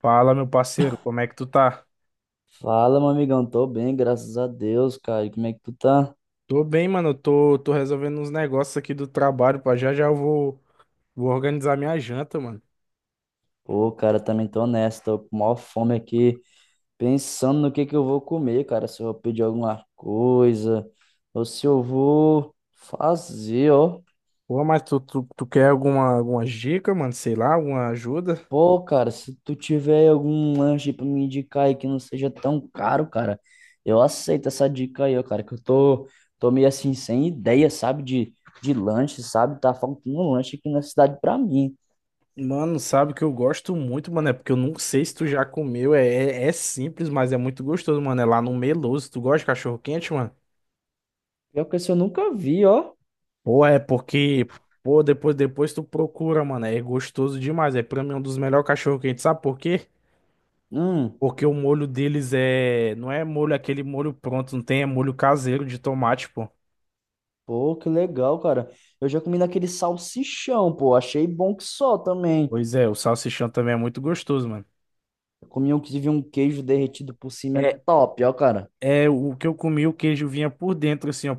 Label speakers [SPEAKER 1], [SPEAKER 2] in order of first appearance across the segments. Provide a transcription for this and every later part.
[SPEAKER 1] Fala, meu parceiro, como é que tu tá?
[SPEAKER 2] Fala, meu amigão. Tô bem, graças a Deus, cara. E como é que tu tá?
[SPEAKER 1] Tô bem, mano. Eu tô resolvendo uns negócios aqui do trabalho, pá. Já já eu vou organizar minha janta, mano.
[SPEAKER 2] Pô, cara, também tô nessa. Tô com maior fome aqui, pensando no que eu vou comer, cara. Se eu vou pedir alguma coisa, ou se eu vou fazer, ó.
[SPEAKER 1] Pô, mas tu quer alguma dica, mano? Sei lá, alguma ajuda?
[SPEAKER 2] Pô, cara, se tu tiver algum lanche pra me indicar aí que não seja tão caro, cara, eu aceito essa dica aí, ó, cara, tô meio assim, sem ideia, sabe, de lanche, sabe? Tá faltando um lanche aqui na cidade pra mim.
[SPEAKER 1] Mano, sabe que eu gosto muito, mano. É porque eu não sei se tu já comeu. É simples, mas é muito gostoso, mano. É lá no Meloso. Tu gosta de cachorro quente, mano?
[SPEAKER 2] Pior que esse eu nunca vi, ó.
[SPEAKER 1] Pô, é porque. Pô, depois tu procura, mano. É gostoso demais. É pra mim um dos melhores cachorro quentes. Sabe por quê?
[SPEAKER 2] Hum.
[SPEAKER 1] Porque o molho deles é. Não é molho aquele molho pronto, não tem, é molho caseiro de tomate, pô.
[SPEAKER 2] Pô, que legal, cara. Eu já comi naquele salsichão, pô. Achei bom que só também.
[SPEAKER 1] Pois é, o salsichão também é muito gostoso, mano.
[SPEAKER 2] Eu comi um que tive um queijo derretido por cima, é
[SPEAKER 1] É,
[SPEAKER 2] top, ó, cara.
[SPEAKER 1] é o que eu comi, o queijo vinha por dentro, assim, ó.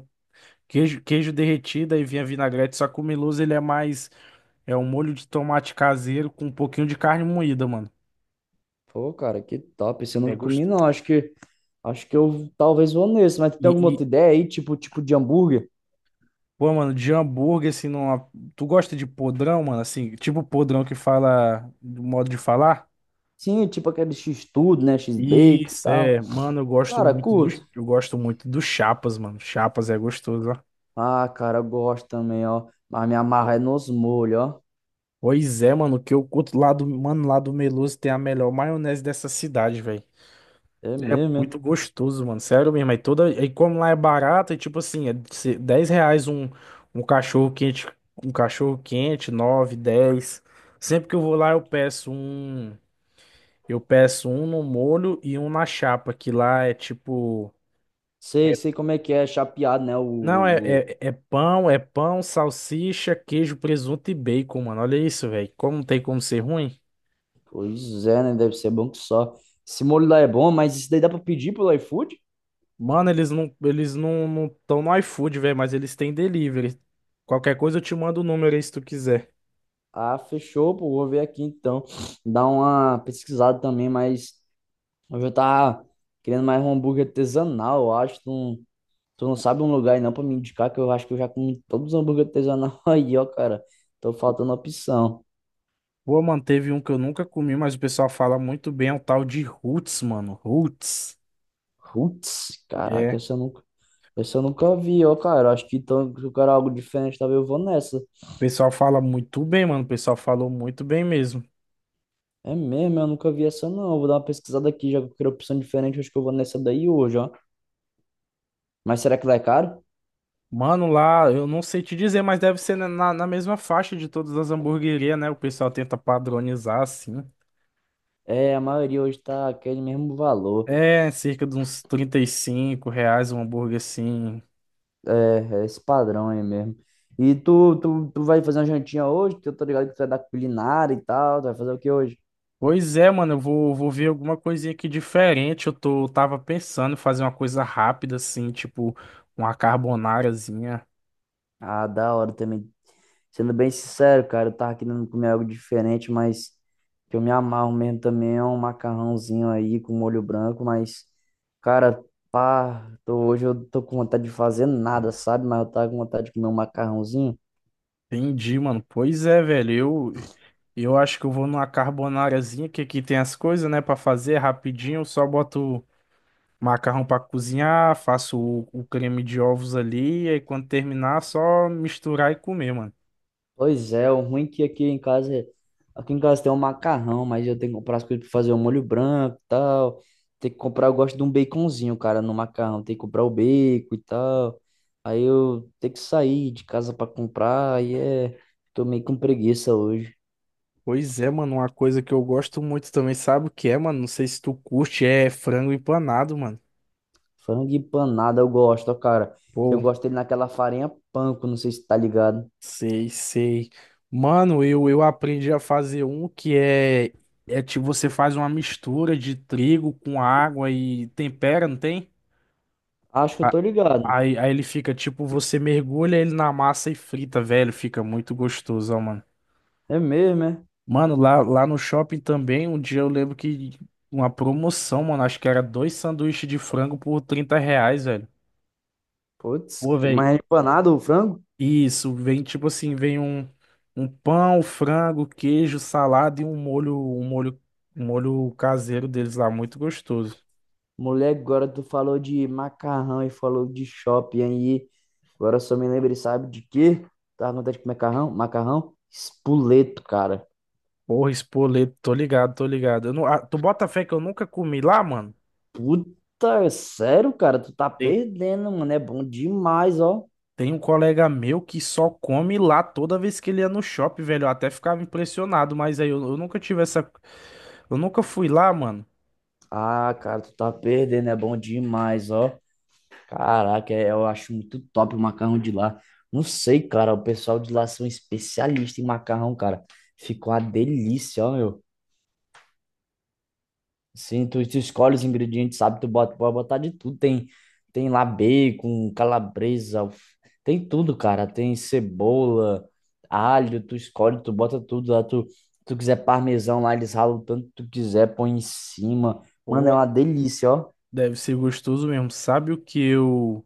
[SPEAKER 1] Queijo derretido e vinha vinagrete, só que o Miloso ele é mais. É um molho de tomate caseiro com um pouquinho de carne moída, mano.
[SPEAKER 2] Pô, cara, que top. Esse eu
[SPEAKER 1] É
[SPEAKER 2] nunca comi,
[SPEAKER 1] gostoso.
[SPEAKER 2] não. Acho que eu talvez vou nesse. Mas tu tem
[SPEAKER 1] E,
[SPEAKER 2] alguma
[SPEAKER 1] e,
[SPEAKER 2] outra ideia aí? Tipo de hambúrguer?
[SPEAKER 1] pô, mano, de hambúrguer, assim, numa... tu gosta de podrão, mano? Assim, tipo podrão que fala do modo de falar?
[SPEAKER 2] Sim, tipo aquele X-tudo, né? X-bacon e
[SPEAKER 1] Isso,
[SPEAKER 2] tal.
[SPEAKER 1] é, mano,
[SPEAKER 2] Cara, curto.
[SPEAKER 1] eu gosto muito do Chapas, mano. Chapas é gostoso, ó.
[SPEAKER 2] Ah, cara, eu gosto também, ó. Mas minha amarra é nos molhos, ó.
[SPEAKER 1] Pois é, mano, que eu curto lá do, mano, lá do Meloso tem a melhor maionese dessa cidade, velho.
[SPEAKER 2] É
[SPEAKER 1] É
[SPEAKER 2] mesmo, é?
[SPEAKER 1] muito gostoso, mano. Sério mesmo. Aí como lá é barato, é tipo assim, R$ 10 um cachorro quente, um cachorro quente, 9, 10. Sempre que eu vou lá eu peço um no molho e um na chapa, que lá é tipo.
[SPEAKER 2] Sei, sei como é que é, é chapeado, né?
[SPEAKER 1] Não, é,
[SPEAKER 2] O.
[SPEAKER 1] é, é pão, é pão, salsicha, queijo, presunto e bacon, mano. Olha isso, velho. Como não tem como ser ruim?
[SPEAKER 2] Pois é, né? Deve ser bom que só. Esse molho lá é bom, mas isso daí dá pra pedir pelo iFood?
[SPEAKER 1] Mano, eles não estão no iFood, velho, mas eles têm delivery. Qualquer coisa eu te mando o número aí se tu quiser.
[SPEAKER 2] Ah, fechou, pô. Vou ver aqui então. Dar uma pesquisada também, mas eu já tava querendo mais um hambúrguer artesanal, eu acho. Tu não sabe um lugar aí não pra me indicar, que eu acho que eu já comi todos os hambúrguer artesanal aí, ó, cara. Tô faltando opção.
[SPEAKER 1] Pô, mano, teve um que eu nunca comi, mas o pessoal fala muito bem, é um tal de Roots, mano. Roots.
[SPEAKER 2] Putz,
[SPEAKER 1] É.
[SPEAKER 2] caraca,
[SPEAKER 1] O
[SPEAKER 2] essa eu nunca vi, ó, cara. Acho que então, se eu quero algo diferente, talvez eu vou nessa.
[SPEAKER 1] pessoal fala muito bem, mano. O pessoal falou muito bem mesmo.
[SPEAKER 2] É mesmo, eu nunca vi essa não. Eu vou dar uma pesquisada aqui, já que eu quero opção diferente, acho que eu vou nessa daí hoje, ó. Mas será que lá é caro?
[SPEAKER 1] Mano, lá, eu não sei te dizer, mas deve ser na, na mesma faixa de todas as hamburguerias, né? O pessoal tenta padronizar assim.
[SPEAKER 2] É, a maioria hoje tá aquele mesmo valor.
[SPEAKER 1] É, cerca de uns R$ 35 um hambúrguer assim.
[SPEAKER 2] É, é esse padrão aí mesmo. E tu vai fazer uma jantinha hoje? Que eu tô ligado que tu é da culinária e tal. Tu vai fazer o que hoje?
[SPEAKER 1] Pois é, mano, vou ver alguma coisinha aqui diferente. Tava pensando em fazer uma coisa rápida assim, tipo uma carbonarazinha.
[SPEAKER 2] Ah, da hora também. Sendo bem sincero, cara, eu tava querendo comer algo diferente, mas que eu me amarro mesmo também é um macarrãozinho aí com molho branco, mas, cara, pá, tô, hoje eu tô com vontade de fazer nada, sabe? Mas eu tava com vontade de comer um macarrãozinho.
[SPEAKER 1] Entendi, mano. Pois é, velho. Eu, eu acho que eu vou numa carbonarazinha que aqui tem as coisas, né, pra fazer rapidinho. Eu só boto macarrão pra cozinhar, faço o creme de ovos ali, e aí quando terminar, só misturar e comer, mano.
[SPEAKER 2] Pois é, o ruim é que aqui em casa tem um macarrão, mas eu tenho que comprar as coisas pra fazer o molho branco e tal. Tem que comprar, eu gosto de um baconzinho, cara, no macarrão. Tem que comprar o bacon e tal. Aí eu tenho que sair de casa pra comprar, aí é, tô meio com preguiça hoje.
[SPEAKER 1] Pois é, mano, uma coisa que eu gosto muito também, sabe o que é, mano? Não sei se tu curte, é frango empanado, mano.
[SPEAKER 2] Frango empanado eu gosto, ó, cara. Eu
[SPEAKER 1] Pô,
[SPEAKER 2] gosto dele naquela farinha panko, não sei se tá ligado.
[SPEAKER 1] sei, sei. Mano, eu aprendi a fazer um que é tipo, você faz uma mistura de trigo com água e tempera, não tem?
[SPEAKER 2] Acho que eu tô ligado.
[SPEAKER 1] Aí ele fica, tipo, você mergulha ele na massa e frita, velho. Fica muito gostoso, ó, mano.
[SPEAKER 2] É mesmo, é?
[SPEAKER 1] Mano, lá no shopping também, um dia eu lembro que uma promoção, mano, acho que era dois sanduíches de frango por R$ 30, velho.
[SPEAKER 2] Putz,
[SPEAKER 1] Pô,
[SPEAKER 2] que- mas
[SPEAKER 1] velho,
[SPEAKER 2] é empanado o frango?
[SPEAKER 1] isso, vem tipo assim, vem um pão, frango, queijo, salada e um molho caseiro deles lá, muito gostoso.
[SPEAKER 2] Moleque, agora tu falou de macarrão e falou de shopping aí. Agora só me lembrei, sabe de quê? Tava com vontade de comer macarrão? Macarrão? Espoleto, cara.
[SPEAKER 1] Porra, espoleto, tô ligado, tô ligado. Eu não, ah, tu bota fé que eu nunca comi lá, mano?
[SPEAKER 2] Puta, sério, cara? Tu tá
[SPEAKER 1] Tem,
[SPEAKER 2] perdendo, mano. É bom demais, ó.
[SPEAKER 1] tem um colega meu que só come lá toda vez que ele ia no shopping, velho. Eu até ficava impressionado, mas aí eu nunca tive essa. Eu nunca fui lá, mano.
[SPEAKER 2] Ah, cara, tu tá perdendo. É bom demais, ó. Caraca, é- eu acho muito top o macarrão de lá. Não sei, cara. O pessoal de lá são especialistas em macarrão, cara. Ficou uma delícia, ó, meu. Sim, tu escolhe os ingredientes, sabe? Tu bota, pode botar de tudo. Tem lá bacon, calabresa, alf- tem tudo, cara. Tem cebola, alho, tu escolhe, tu bota tudo lá. Tu quiser parmesão lá, eles ralam o tanto que tu quiser, põe em cima.
[SPEAKER 1] Pô,
[SPEAKER 2] Mano, é uma delícia, ó.
[SPEAKER 1] deve ser gostoso mesmo. Sabe o que eu.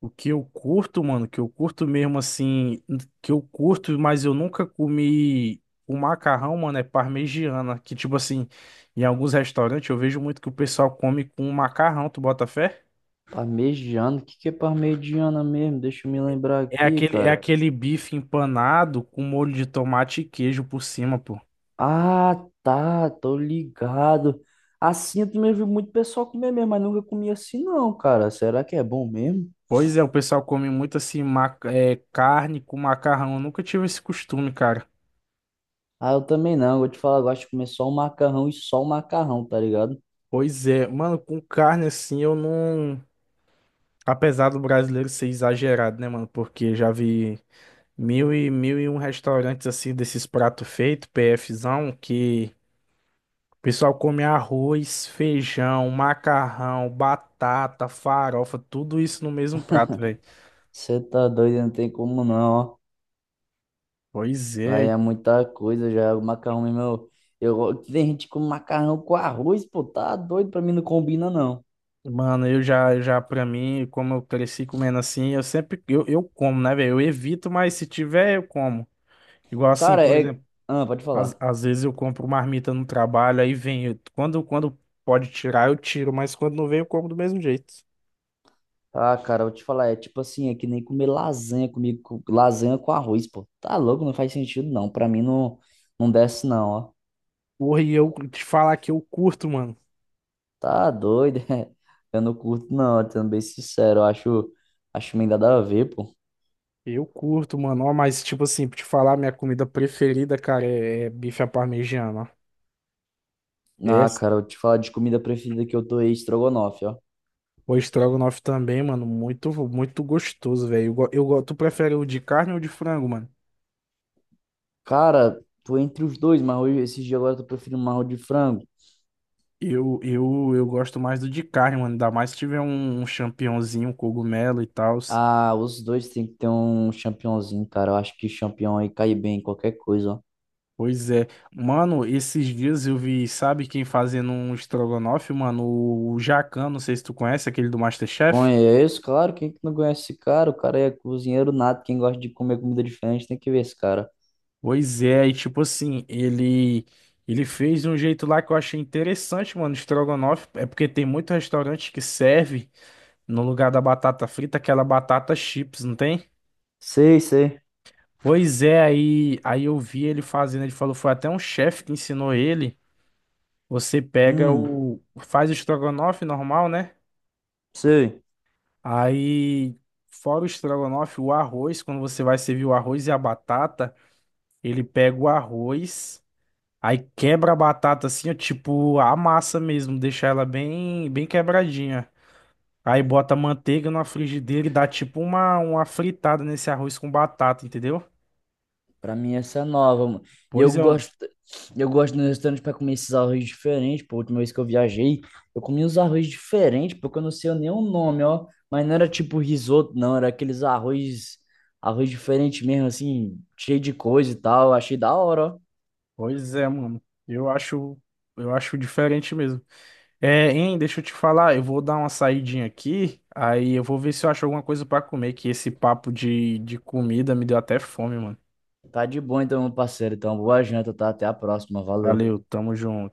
[SPEAKER 1] O que eu curto, mano, mas eu nunca comi o macarrão, mano, é parmegiana, que tipo assim, em alguns restaurantes eu vejo muito que o pessoal come com macarrão, tu bota fé?
[SPEAKER 2] Parmegiana, o que que é parmegiana mesmo? Deixa eu me lembrar
[SPEAKER 1] É
[SPEAKER 2] aqui,
[SPEAKER 1] aquele, é
[SPEAKER 2] cara.
[SPEAKER 1] aquele bife empanado com molho de tomate e queijo por cima, pô.
[SPEAKER 2] Ah, tá, tô ligado. Assim eu também vi muito pessoal comer mesmo, mas nunca comi assim não, cara. Será que é bom mesmo?
[SPEAKER 1] Pois é, o pessoal come muito assim, é, carne com macarrão. Eu nunca tive esse costume, cara.
[SPEAKER 2] Ah, eu também não. Vou te falar, eu gosto de comer só o macarrão e só o macarrão, tá ligado?
[SPEAKER 1] Pois é, mano, com carne assim eu não. Apesar do brasileiro ser exagerado, né, mano? Porque já vi. Mil e um restaurantes assim desses pratos feitos, PFzão, que o pessoal come arroz, feijão, macarrão, batata, farofa, tudo isso no mesmo prato, velho.
[SPEAKER 2] Você tá doido, não tem como não, ó.
[SPEAKER 1] Pois
[SPEAKER 2] Lá
[SPEAKER 1] é,
[SPEAKER 2] é muita coisa já. O macarrão mesmo, go- tem gente com macarrão com arroz, pô, tá doido? Pra mim não combina, não.
[SPEAKER 1] mano, eu já pra mim, como eu cresci comendo assim, eu sempre, eu como, né, velho? Eu evito, mas se tiver, eu como. Igual assim,
[SPEAKER 2] Cara,
[SPEAKER 1] por
[SPEAKER 2] é.
[SPEAKER 1] exemplo,
[SPEAKER 2] Ah, pode falar.
[SPEAKER 1] às vezes eu compro marmita no trabalho, aí vem, quando, quando pode tirar, eu tiro, mas quando não vem, eu como do mesmo jeito.
[SPEAKER 2] Ah, cara, eu vou te falar, é tipo assim, é que nem comer lasanha comigo, com- lasanha com arroz, pô. Tá louco, não faz sentido, não. Pra mim não, não desce, não, ó.
[SPEAKER 1] Porra, e eu te falar que eu curto, mano.
[SPEAKER 2] Tá doido. Eu não curto, não, sendo bem sincero, acho meio nada a ver, pô.
[SPEAKER 1] Eu curto, mano. Ó, mas, tipo assim, pra te falar, minha comida preferida, cara, é bife à parmegiana. Ó. É,
[SPEAKER 2] Ah, cara, eu te falar de comida preferida que eu tô aí, estrogonofe, ó.
[SPEAKER 1] o estrogonofe também, mano. Muito gostoso, velho. Tu prefere o de carne ou de frango, mano?
[SPEAKER 2] Cara, tô entre os dois, mas hoje, esses dias agora eu tô preferindo marro de frango.
[SPEAKER 1] Eu gosto mais do de carne, mano. Ainda mais se tiver um champignonzinho, um cogumelo e tal.
[SPEAKER 2] Ah, os dois tem que ter um champignonzinho, cara. Eu acho que champignon aí cai bem em qualquer coisa, ó.
[SPEAKER 1] Pois é. Mano, esses dias eu vi, sabe quem fazendo um estrogonofe, mano? O, Jacan, não sei se tu conhece, aquele do MasterChef.
[SPEAKER 2] Conheço, claro, quem que não conhece esse cara? O cara é cozinheiro nato, quem gosta de comer comida diferente tem que ver esse cara.
[SPEAKER 1] Pois é, e tipo assim, ele fez de um jeito lá que eu achei interessante, mano, estrogonofe, é porque tem muito restaurante que serve no lugar da batata frita aquela batata chips, não tem?
[SPEAKER 2] Sei, sei.
[SPEAKER 1] Pois é, aí eu vi ele fazendo, ele falou, foi até um chefe que ensinou ele. Você pega
[SPEAKER 2] Hum,
[SPEAKER 1] o faz o estrogonofe normal, né?
[SPEAKER 2] sei.
[SPEAKER 1] Aí fora o estrogonofe, o arroz, quando você vai servir o arroz e a batata, ele pega o arroz. Aí quebra a batata assim, ó, tipo, a massa mesmo, deixa ela bem, bem quebradinha. Aí bota manteiga na frigideira e dá tipo uma fritada nesse arroz com batata, entendeu?
[SPEAKER 2] Pra mim essa é nova, mano. E
[SPEAKER 1] Pois é,
[SPEAKER 2] eu gosto nos restaurantes pra comer esses arroz diferentes. Pô, a última vez que eu viajei, eu comi uns arroz diferentes, porque eu não sei nem o nome, ó. Mas não era tipo risoto, não. Era aqueles arroz diferente mesmo, assim, cheio de coisa e tal. Achei da hora, ó.
[SPEAKER 1] pois é, mano. Eu acho diferente mesmo. É, hein, deixa eu te falar, eu vou dar uma saidinha aqui, aí eu vou ver se eu acho alguma coisa pra comer, que esse papo de comida me deu até fome, mano.
[SPEAKER 2] Tá de boa então, meu parceiro. Então, boa janta, tá? Até a próxima. Valeu.
[SPEAKER 1] Valeu, tamo junto.